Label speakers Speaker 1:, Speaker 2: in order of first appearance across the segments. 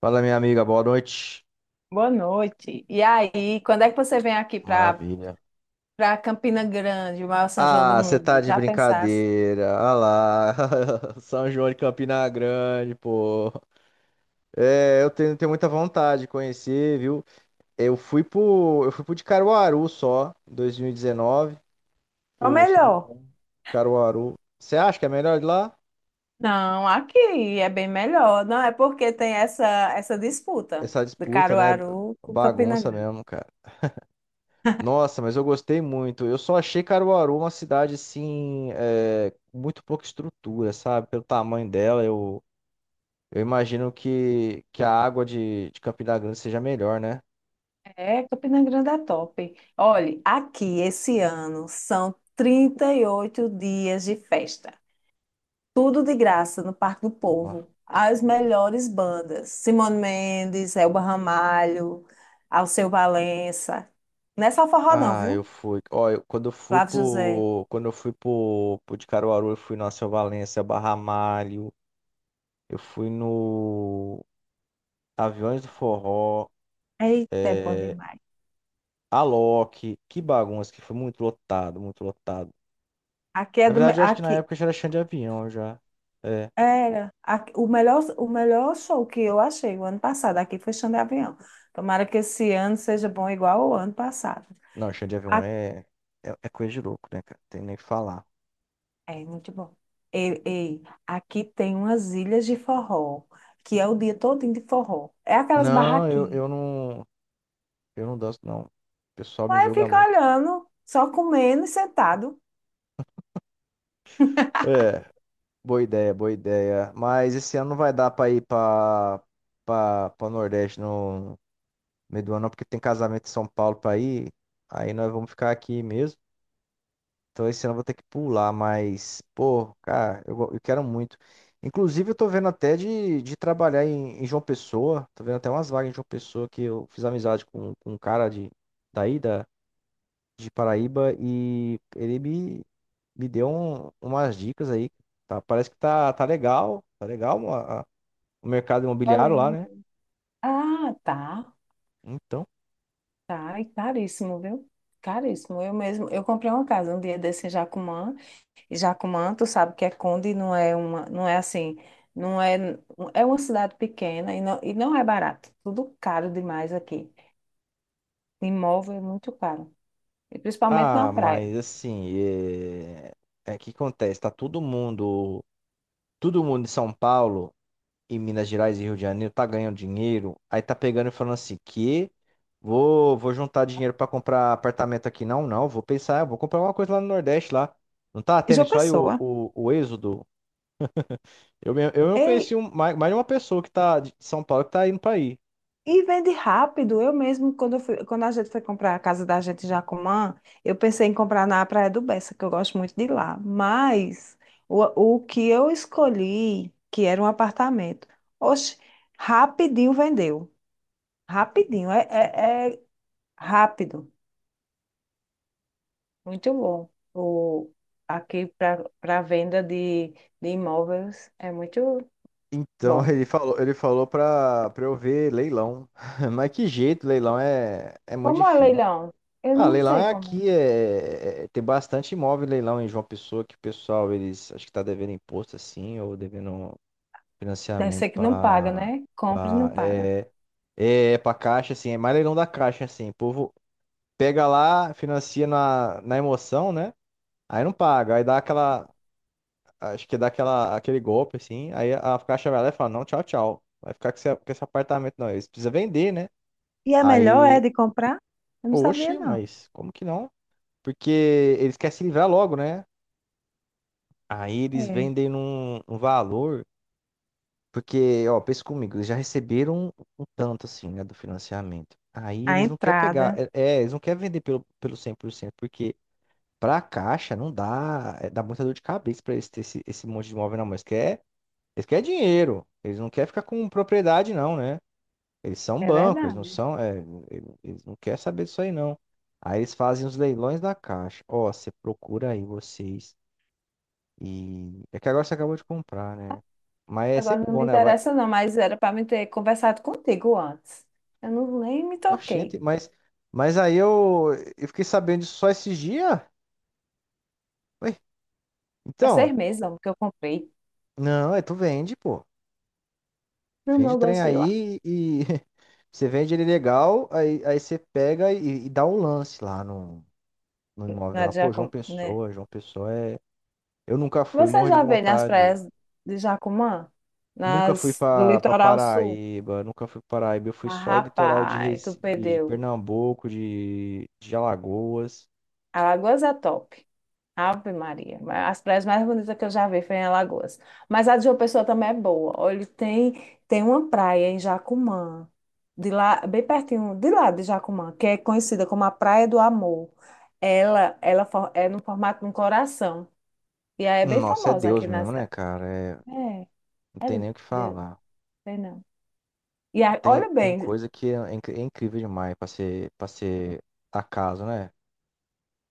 Speaker 1: Fala, minha amiga, boa noite.
Speaker 2: Boa noite. E aí, quando é que você vem aqui para
Speaker 1: Maravilha.
Speaker 2: para Campina Grande, o maior São João do
Speaker 1: Ah, você tá
Speaker 2: mundo?
Speaker 1: de
Speaker 2: Já pensasse?
Speaker 1: brincadeira. Ah lá, São João de Campina Grande, pô. É, eu tenho, muita vontade de conhecer, viu? Eu fui pro de Caruaru só, em 2019,
Speaker 2: Ou
Speaker 1: o São
Speaker 2: melhor?
Speaker 1: João de Caruaru. Você acha que é melhor de lá?
Speaker 2: Não, aqui é bem melhor. Não é porque tem essa disputa
Speaker 1: Essa
Speaker 2: de
Speaker 1: disputa, né?
Speaker 2: Caruaru com Campina
Speaker 1: Bagunça
Speaker 2: Grande.
Speaker 1: mesmo, cara. Nossa, mas eu gostei muito. Eu só achei Caruaru uma cidade, assim, com muito pouca estrutura, sabe? Pelo tamanho dela, eu... Eu imagino que a água de Campina Grande seja melhor, né?
Speaker 2: É, Campina Grande é top. Olhe, aqui esse ano são 38 dias de festa. Tudo de graça no Parque do
Speaker 1: Ó.
Speaker 2: Povo. As melhores bandas. Simone Mendes, Elba Ramalho, Alceu Valença. Não é só forró, não,
Speaker 1: Ah,
Speaker 2: viu?
Speaker 1: eu fui. Ó, quando eu fui
Speaker 2: Flávio José.
Speaker 1: pro. Quando eu fui pro de Caruaru, eu fui no Alceu Valença, Barra Malho, eu fui no Aviões do Forró,
Speaker 2: Eita, é bom
Speaker 1: é,
Speaker 2: demais.
Speaker 1: Alok, que bagunça, que foi muito lotado, muito lotado.
Speaker 2: Aqui é
Speaker 1: Na
Speaker 2: do. Me-
Speaker 1: verdade, eu acho que na
Speaker 2: Aqui
Speaker 1: época já era chão de avião já. É.
Speaker 2: o melhor show que eu achei o ano passado aqui foi Xande Avião. Tomara que esse ano seja bom igual o ano passado.
Speaker 1: Não, chão de avião
Speaker 2: A-
Speaker 1: é, é coisa de louco, né, cara? Tem nem o que falar.
Speaker 2: É muito bom. Ei, aqui tem umas ilhas de forró, que é o dia todo de forró. É aquelas
Speaker 1: Não,
Speaker 2: barraquinhas.
Speaker 1: eu não. Eu não danço, não. O pessoal me
Speaker 2: Aí
Speaker 1: julga
Speaker 2: fica
Speaker 1: muito.
Speaker 2: olhando, só comendo e sentado.
Speaker 1: É, boa ideia, boa ideia. Mas esse ano não vai dar pra ir pra Nordeste no meio do ano, não, porque tem casamento em São Paulo pra ir. Aí nós vamos ficar aqui mesmo. Então esse ano eu vou ter que pular, mas, pô, cara, eu quero muito. Inclusive, eu tô vendo até de trabalhar em João Pessoa. Tô vendo até umas vagas em João Pessoa que eu fiz amizade com um cara daí, da, de Paraíba, e me deu umas dicas aí. Tá, parece tá legal o mercado imobiliário lá, né?
Speaker 2: Valendo. Ah, tá.
Speaker 1: Então,
Speaker 2: Tá, e caríssimo, viu? Caríssimo. Eu mesmo, eu comprei uma casa um dia desse em Jacumã, e Jacumã, tu sabe que é Conde, não é uma, não é assim, não é, é uma cidade pequena e não é barato. Tudo caro demais aqui. Imóvel é muito caro, e principalmente na
Speaker 1: ah,
Speaker 2: praia.
Speaker 1: mas assim, é que acontece, todo mundo em São Paulo e Minas Gerais e Rio de Janeiro tá ganhando dinheiro, aí tá pegando e falando assim, que vou juntar dinheiro pra comprar apartamento aqui. Não, não, vou pensar, vou comprar uma coisa lá no Nordeste lá. Não tá
Speaker 2: E
Speaker 1: tendo
Speaker 2: João
Speaker 1: isso aí
Speaker 2: Pessoa.
Speaker 1: o êxodo? Eu mesmo
Speaker 2: Ei,
Speaker 1: conheci mais de uma pessoa que tá de São Paulo que tá indo pra aí.
Speaker 2: e vende rápido. Eu mesmo, quando, eu fui- Quando a gente foi comprar a casa da gente em Jacumã, eu pensei em comprar na Praia do Bessa, que eu gosto muito de lá. Mas o, o que eu escolhi, que era um apartamento, oxe, rapidinho vendeu. Rapidinho, é, é rápido. Muito bom. O, aqui para venda de imóveis é muito
Speaker 1: Então
Speaker 2: bom.
Speaker 1: ele falou pra eu ver leilão. Mas que jeito, leilão é, muito
Speaker 2: Como é
Speaker 1: difícil.
Speaker 2: leilão? Eu
Speaker 1: Ah,
Speaker 2: não
Speaker 1: leilão
Speaker 2: sei
Speaker 1: é
Speaker 2: como.
Speaker 1: aqui, tem bastante imóvel em leilão em João Pessoa que o pessoal, eles acho que tá devendo imposto assim, ou devendo
Speaker 2: Deve
Speaker 1: financiamento
Speaker 2: ser que não paga, né? Compra e não
Speaker 1: pra
Speaker 2: paga.
Speaker 1: é, pra caixa, assim, é mais leilão da caixa, assim. O povo pega lá, financia na emoção, né? Aí não paga, aí dá aquela Acho que dá aquele golpe, assim. Aí a caixa vai lá e fala, não, tchau, tchau. Vai ficar com com esse apartamento, não. Eles precisam vender, né?
Speaker 2: E a melhor é
Speaker 1: Aí,
Speaker 2: de comprar? Eu não sabia,
Speaker 1: oxe,
Speaker 2: não.
Speaker 1: mas como que não? Porque eles querem se livrar logo, né? Aí eles
Speaker 2: É.
Speaker 1: vendem num valor. Porque, ó, pensa comigo, eles já receberam um tanto, assim, né, do financiamento. Aí
Speaker 2: A
Speaker 1: eles não querem pegar,
Speaker 2: entrada.
Speaker 1: eles não querem vender pelo 100%, porque pra caixa não dá, dá muita dor de cabeça pra eles ter esse monte de imóvel na mão. Eles querem dinheiro. Eles não querem ficar com propriedade, não, né? Eles são
Speaker 2: É
Speaker 1: banco, eles não
Speaker 2: verdade.
Speaker 1: são. Eles não querem saber disso aí, não. Aí eles fazem os leilões da Caixa. Ó, você procura aí vocês. E. É que agora você acabou de comprar, né? Mas é
Speaker 2: Agora
Speaker 1: sempre
Speaker 2: não
Speaker 1: bom,
Speaker 2: me
Speaker 1: né? Vai...
Speaker 2: interessa não, mas era para me ter conversado contigo antes. Eu não nem me
Speaker 1: Oxente,
Speaker 2: toquei.
Speaker 1: mas. Mas eu fiquei sabendo disso só esses dias. Ué,
Speaker 2: É 6
Speaker 1: então.
Speaker 2: meses, que eu comprei.
Speaker 1: Não, é tu vende, pô.
Speaker 2: Não, mas
Speaker 1: Vende o
Speaker 2: eu
Speaker 1: trem
Speaker 2: gosto de ir lá.
Speaker 1: aí e. Você vende ele legal, aí você pega e dá um lance lá no imóvel
Speaker 2: Na
Speaker 1: lá.
Speaker 2: de
Speaker 1: Pô,
Speaker 2: Jacum... né?
Speaker 1: João Pessoa é. Eu nunca fui,
Speaker 2: Você
Speaker 1: morro de
Speaker 2: já veio nas
Speaker 1: vontade.
Speaker 2: praias de Jacumã?
Speaker 1: Nunca fui
Speaker 2: Nas do
Speaker 1: pra
Speaker 2: litoral sul?
Speaker 1: Paraíba, nunca fui pra Paraíba. Eu fui
Speaker 2: Mas,
Speaker 1: só litoral de,
Speaker 2: rapaz, tu
Speaker 1: Recife, de
Speaker 2: perdeu.
Speaker 1: Pernambuco, de Alagoas.
Speaker 2: Alagoas é top. Ave Maria. As praias mais bonitas que eu já vi foi em Alagoas. Mas a de João Pessoa também é boa. Olha, tem uma praia em Jacumã, de lá, bem pertinho, de lá de Jacumã, que é conhecida como a Praia do Amor. É no formato de um coração. E aí é bem
Speaker 1: Nossa, é
Speaker 2: famosa
Speaker 1: Deus
Speaker 2: aqui na
Speaker 1: mesmo, né,
Speaker 2: cidade.
Speaker 1: cara? É, não
Speaker 2: É, é,
Speaker 1: tem nem o que
Speaker 2: de-
Speaker 1: falar.
Speaker 2: Sei não. E
Speaker 1: Tem,
Speaker 2: olha
Speaker 1: tem
Speaker 2: bem,
Speaker 1: coisa que é, é incrível demais pra ser acaso, né?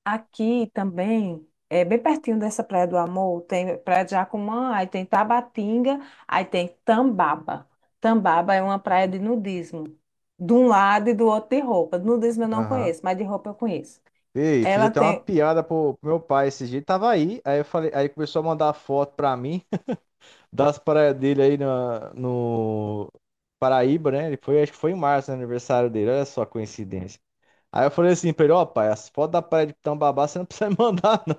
Speaker 2: aqui também, é bem pertinho dessa Praia do Amor, tem Praia de Jacumã, aí tem Tabatinga, aí tem Tambaba. Tambaba é uma praia de nudismo, de um lado e do outro de roupa. Nudismo eu não
Speaker 1: Aham.
Speaker 2: conheço, mas de roupa eu conheço.
Speaker 1: Ei, fiz
Speaker 2: Ela
Speaker 1: até uma
Speaker 2: tem,
Speaker 1: piada pro meu pai esses dias. Ele tava aí, aí eu falei, aí ele começou a mandar foto pra mim. Das praias dele no Paraíba, né? Ele foi, acho que foi em março, né, aniversário dele. Olha só a coincidência. Aí eu falei assim pra ele, ó, pai, as fotos da praia de Itambabá você não precisa me mandar, não.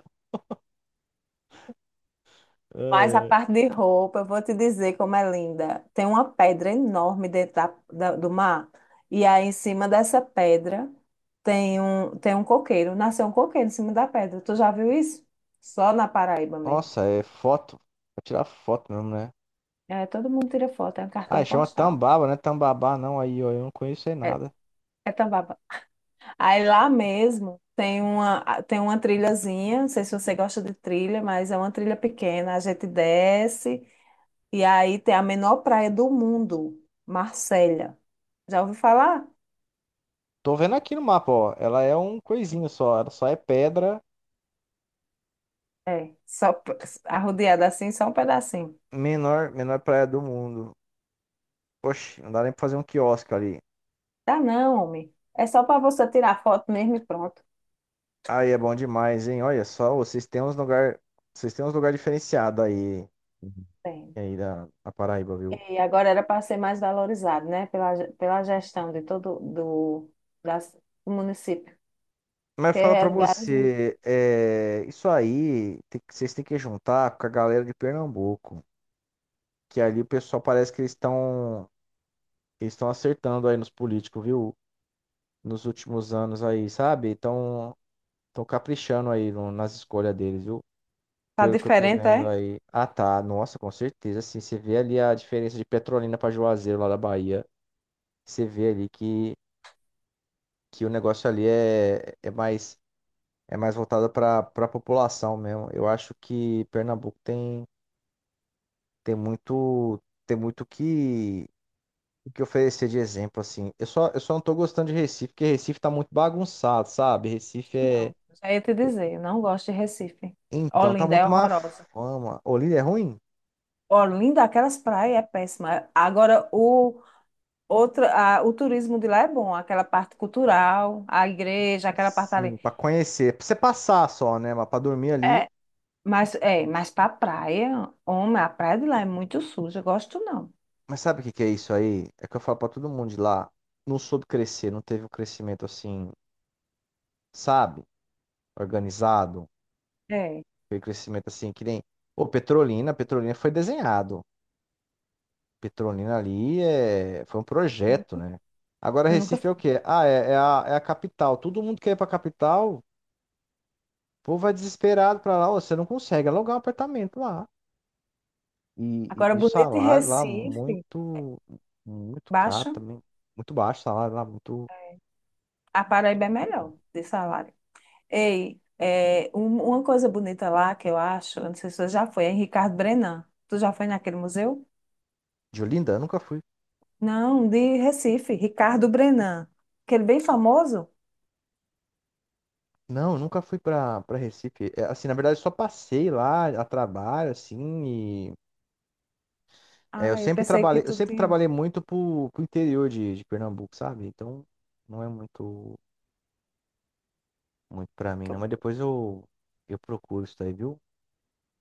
Speaker 1: Ai,
Speaker 2: mas a
Speaker 1: ai.
Speaker 2: parte de roupa, eu vou te dizer como é linda. Tem uma pedra enorme dentro do mar, e aí em cima dessa pedra tem um coqueiro, nasceu um coqueiro em cima da pedra. Tu já viu isso? Só na Paraíba mesmo.
Speaker 1: Nossa, é foto. Pra tirar foto mesmo, né?
Speaker 2: É, todo mundo tira foto, é um
Speaker 1: Ah,
Speaker 2: cartão
Speaker 1: chama
Speaker 2: postal.
Speaker 1: Tambaba, né? Tambabá não, aí, ó, eu não conheço aí
Speaker 2: É,
Speaker 1: nada.
Speaker 2: é Tambaba. Aí lá mesmo tem uma trilhazinha, não sei se você gosta de trilha, mas é uma trilha pequena. A gente desce e aí tem a menor praia do mundo, Marselha. Já ouviu falar?
Speaker 1: Tô vendo aqui no mapa, ó. Ela é um coisinho só. Ela só é pedra,
Speaker 2: É, só p- Arrodeada assim, só um pedacinho.
Speaker 1: menor, menor praia do mundo. Poxa, não dá nem pra fazer um quiosque ali.
Speaker 2: Tá não, homem. É só para você tirar foto mesmo e pronto.
Speaker 1: Aí é bom demais, hein? Olha só, vocês têm uns lugar diferenciado aí, Uhum.
Speaker 2: Tem.
Speaker 1: aí da Paraíba, viu?
Speaker 2: E agora era para ser mais valorizado, né? Pela gestão de todo das, do município.
Speaker 1: Mas fala
Speaker 2: Tem
Speaker 1: pra
Speaker 2: lugares.
Speaker 1: você, isso aí, vocês têm que juntar com a galera de Pernambuco, que ali o pessoal parece eles estão acertando aí nos políticos, viu? Nos últimos anos aí, sabe? Estão caprichando aí no- nas escolhas deles, viu?
Speaker 2: Tá
Speaker 1: Pelo que eu tô
Speaker 2: diferente,
Speaker 1: vendo
Speaker 2: é?
Speaker 1: aí. Ah, tá. Nossa, com certeza. Assim, você vê ali a diferença de Petrolina pra Juazeiro lá da Bahia. Você vê ali que o negócio ali é, é mais voltado para a população mesmo. Eu acho que Pernambuco tem, tem muito que oferecer de exemplo assim. Eu só não tô gostando de Recife, porque Recife tá muito bagunçado, sabe? Recife é
Speaker 2: Não, já ia te dizer, eu não gosto de Recife.
Speaker 1: então tá
Speaker 2: Olinda é
Speaker 1: muito má
Speaker 2: horrorosa.
Speaker 1: fama. Olinda é ruim?
Speaker 2: Olinda, aquelas praias é péssima. Agora, o turismo de lá é bom, aquela parte cultural, a igreja, aquela parte ali.
Speaker 1: Sim, para conhecer, para você passar só, né, mas para dormir ali.
Speaker 2: É, é, mas pra praia, homem, a praia de lá é muito suja, eu gosto não.
Speaker 1: Mas sabe o que que é isso aí? É que eu falo para todo mundo de lá, não soube crescer, não teve um crescimento assim, sabe? Organizado,
Speaker 2: É,
Speaker 1: aquele crescimento assim, que nem. Pô, Petrolina, Petrolina foi desenhado. Petrolina ali é... foi um projeto, né? Agora
Speaker 2: eu nunca
Speaker 1: Recife é o
Speaker 2: fui.
Speaker 1: quê? Ah, é a capital. Todo mundo quer ir pra capital, o povo vai desesperado pra lá. Ô, você não consegue alugar um apartamento lá.
Speaker 2: Agora,
Speaker 1: E o
Speaker 2: bonito em
Speaker 1: salário lá
Speaker 2: Recife,
Speaker 1: muito caro
Speaker 2: baixa,
Speaker 1: também. Muito baixo o salário lá, muito.
Speaker 2: a Paraíba é melhor de salário. Ei, é, uma coisa bonita lá que eu acho, eu não sei se você já foi, é em Ricardo Brenan. Tu já foi naquele museu?
Speaker 1: De Olinda, eu nunca fui.
Speaker 2: Não, de Recife, Ricardo Brenan. Aquele bem famoso?
Speaker 1: Não, eu nunca fui pra Recife. É, assim, na verdade, eu só passei lá a trabalho, assim, É,
Speaker 2: Ah, eu pensei que
Speaker 1: eu
Speaker 2: tu
Speaker 1: sempre
Speaker 2: tinha.
Speaker 1: trabalhei muito pro interior de Pernambuco, sabe? Então não é muito pra mim, não. Mas
Speaker 2: Tu-
Speaker 1: eu procuro isso daí, viu?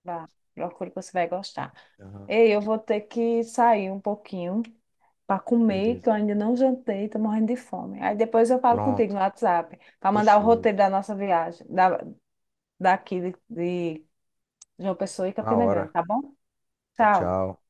Speaker 2: Vá, procura que você vai gostar.
Speaker 1: Aham,
Speaker 2: Ei, eu vou ter que sair um pouquinho para comer, que
Speaker 1: beleza.
Speaker 2: eu ainda não jantei, tô morrendo de fome. Aí depois eu falo contigo
Speaker 1: Pronto.
Speaker 2: no WhatsApp, para mandar o
Speaker 1: Fechou.
Speaker 2: roteiro da nossa viagem, daqui de João Pessoa e
Speaker 1: Na
Speaker 2: Campina Grande,
Speaker 1: hora.
Speaker 2: tá bom?
Speaker 1: Tchau,
Speaker 2: Tchau.
Speaker 1: tchau.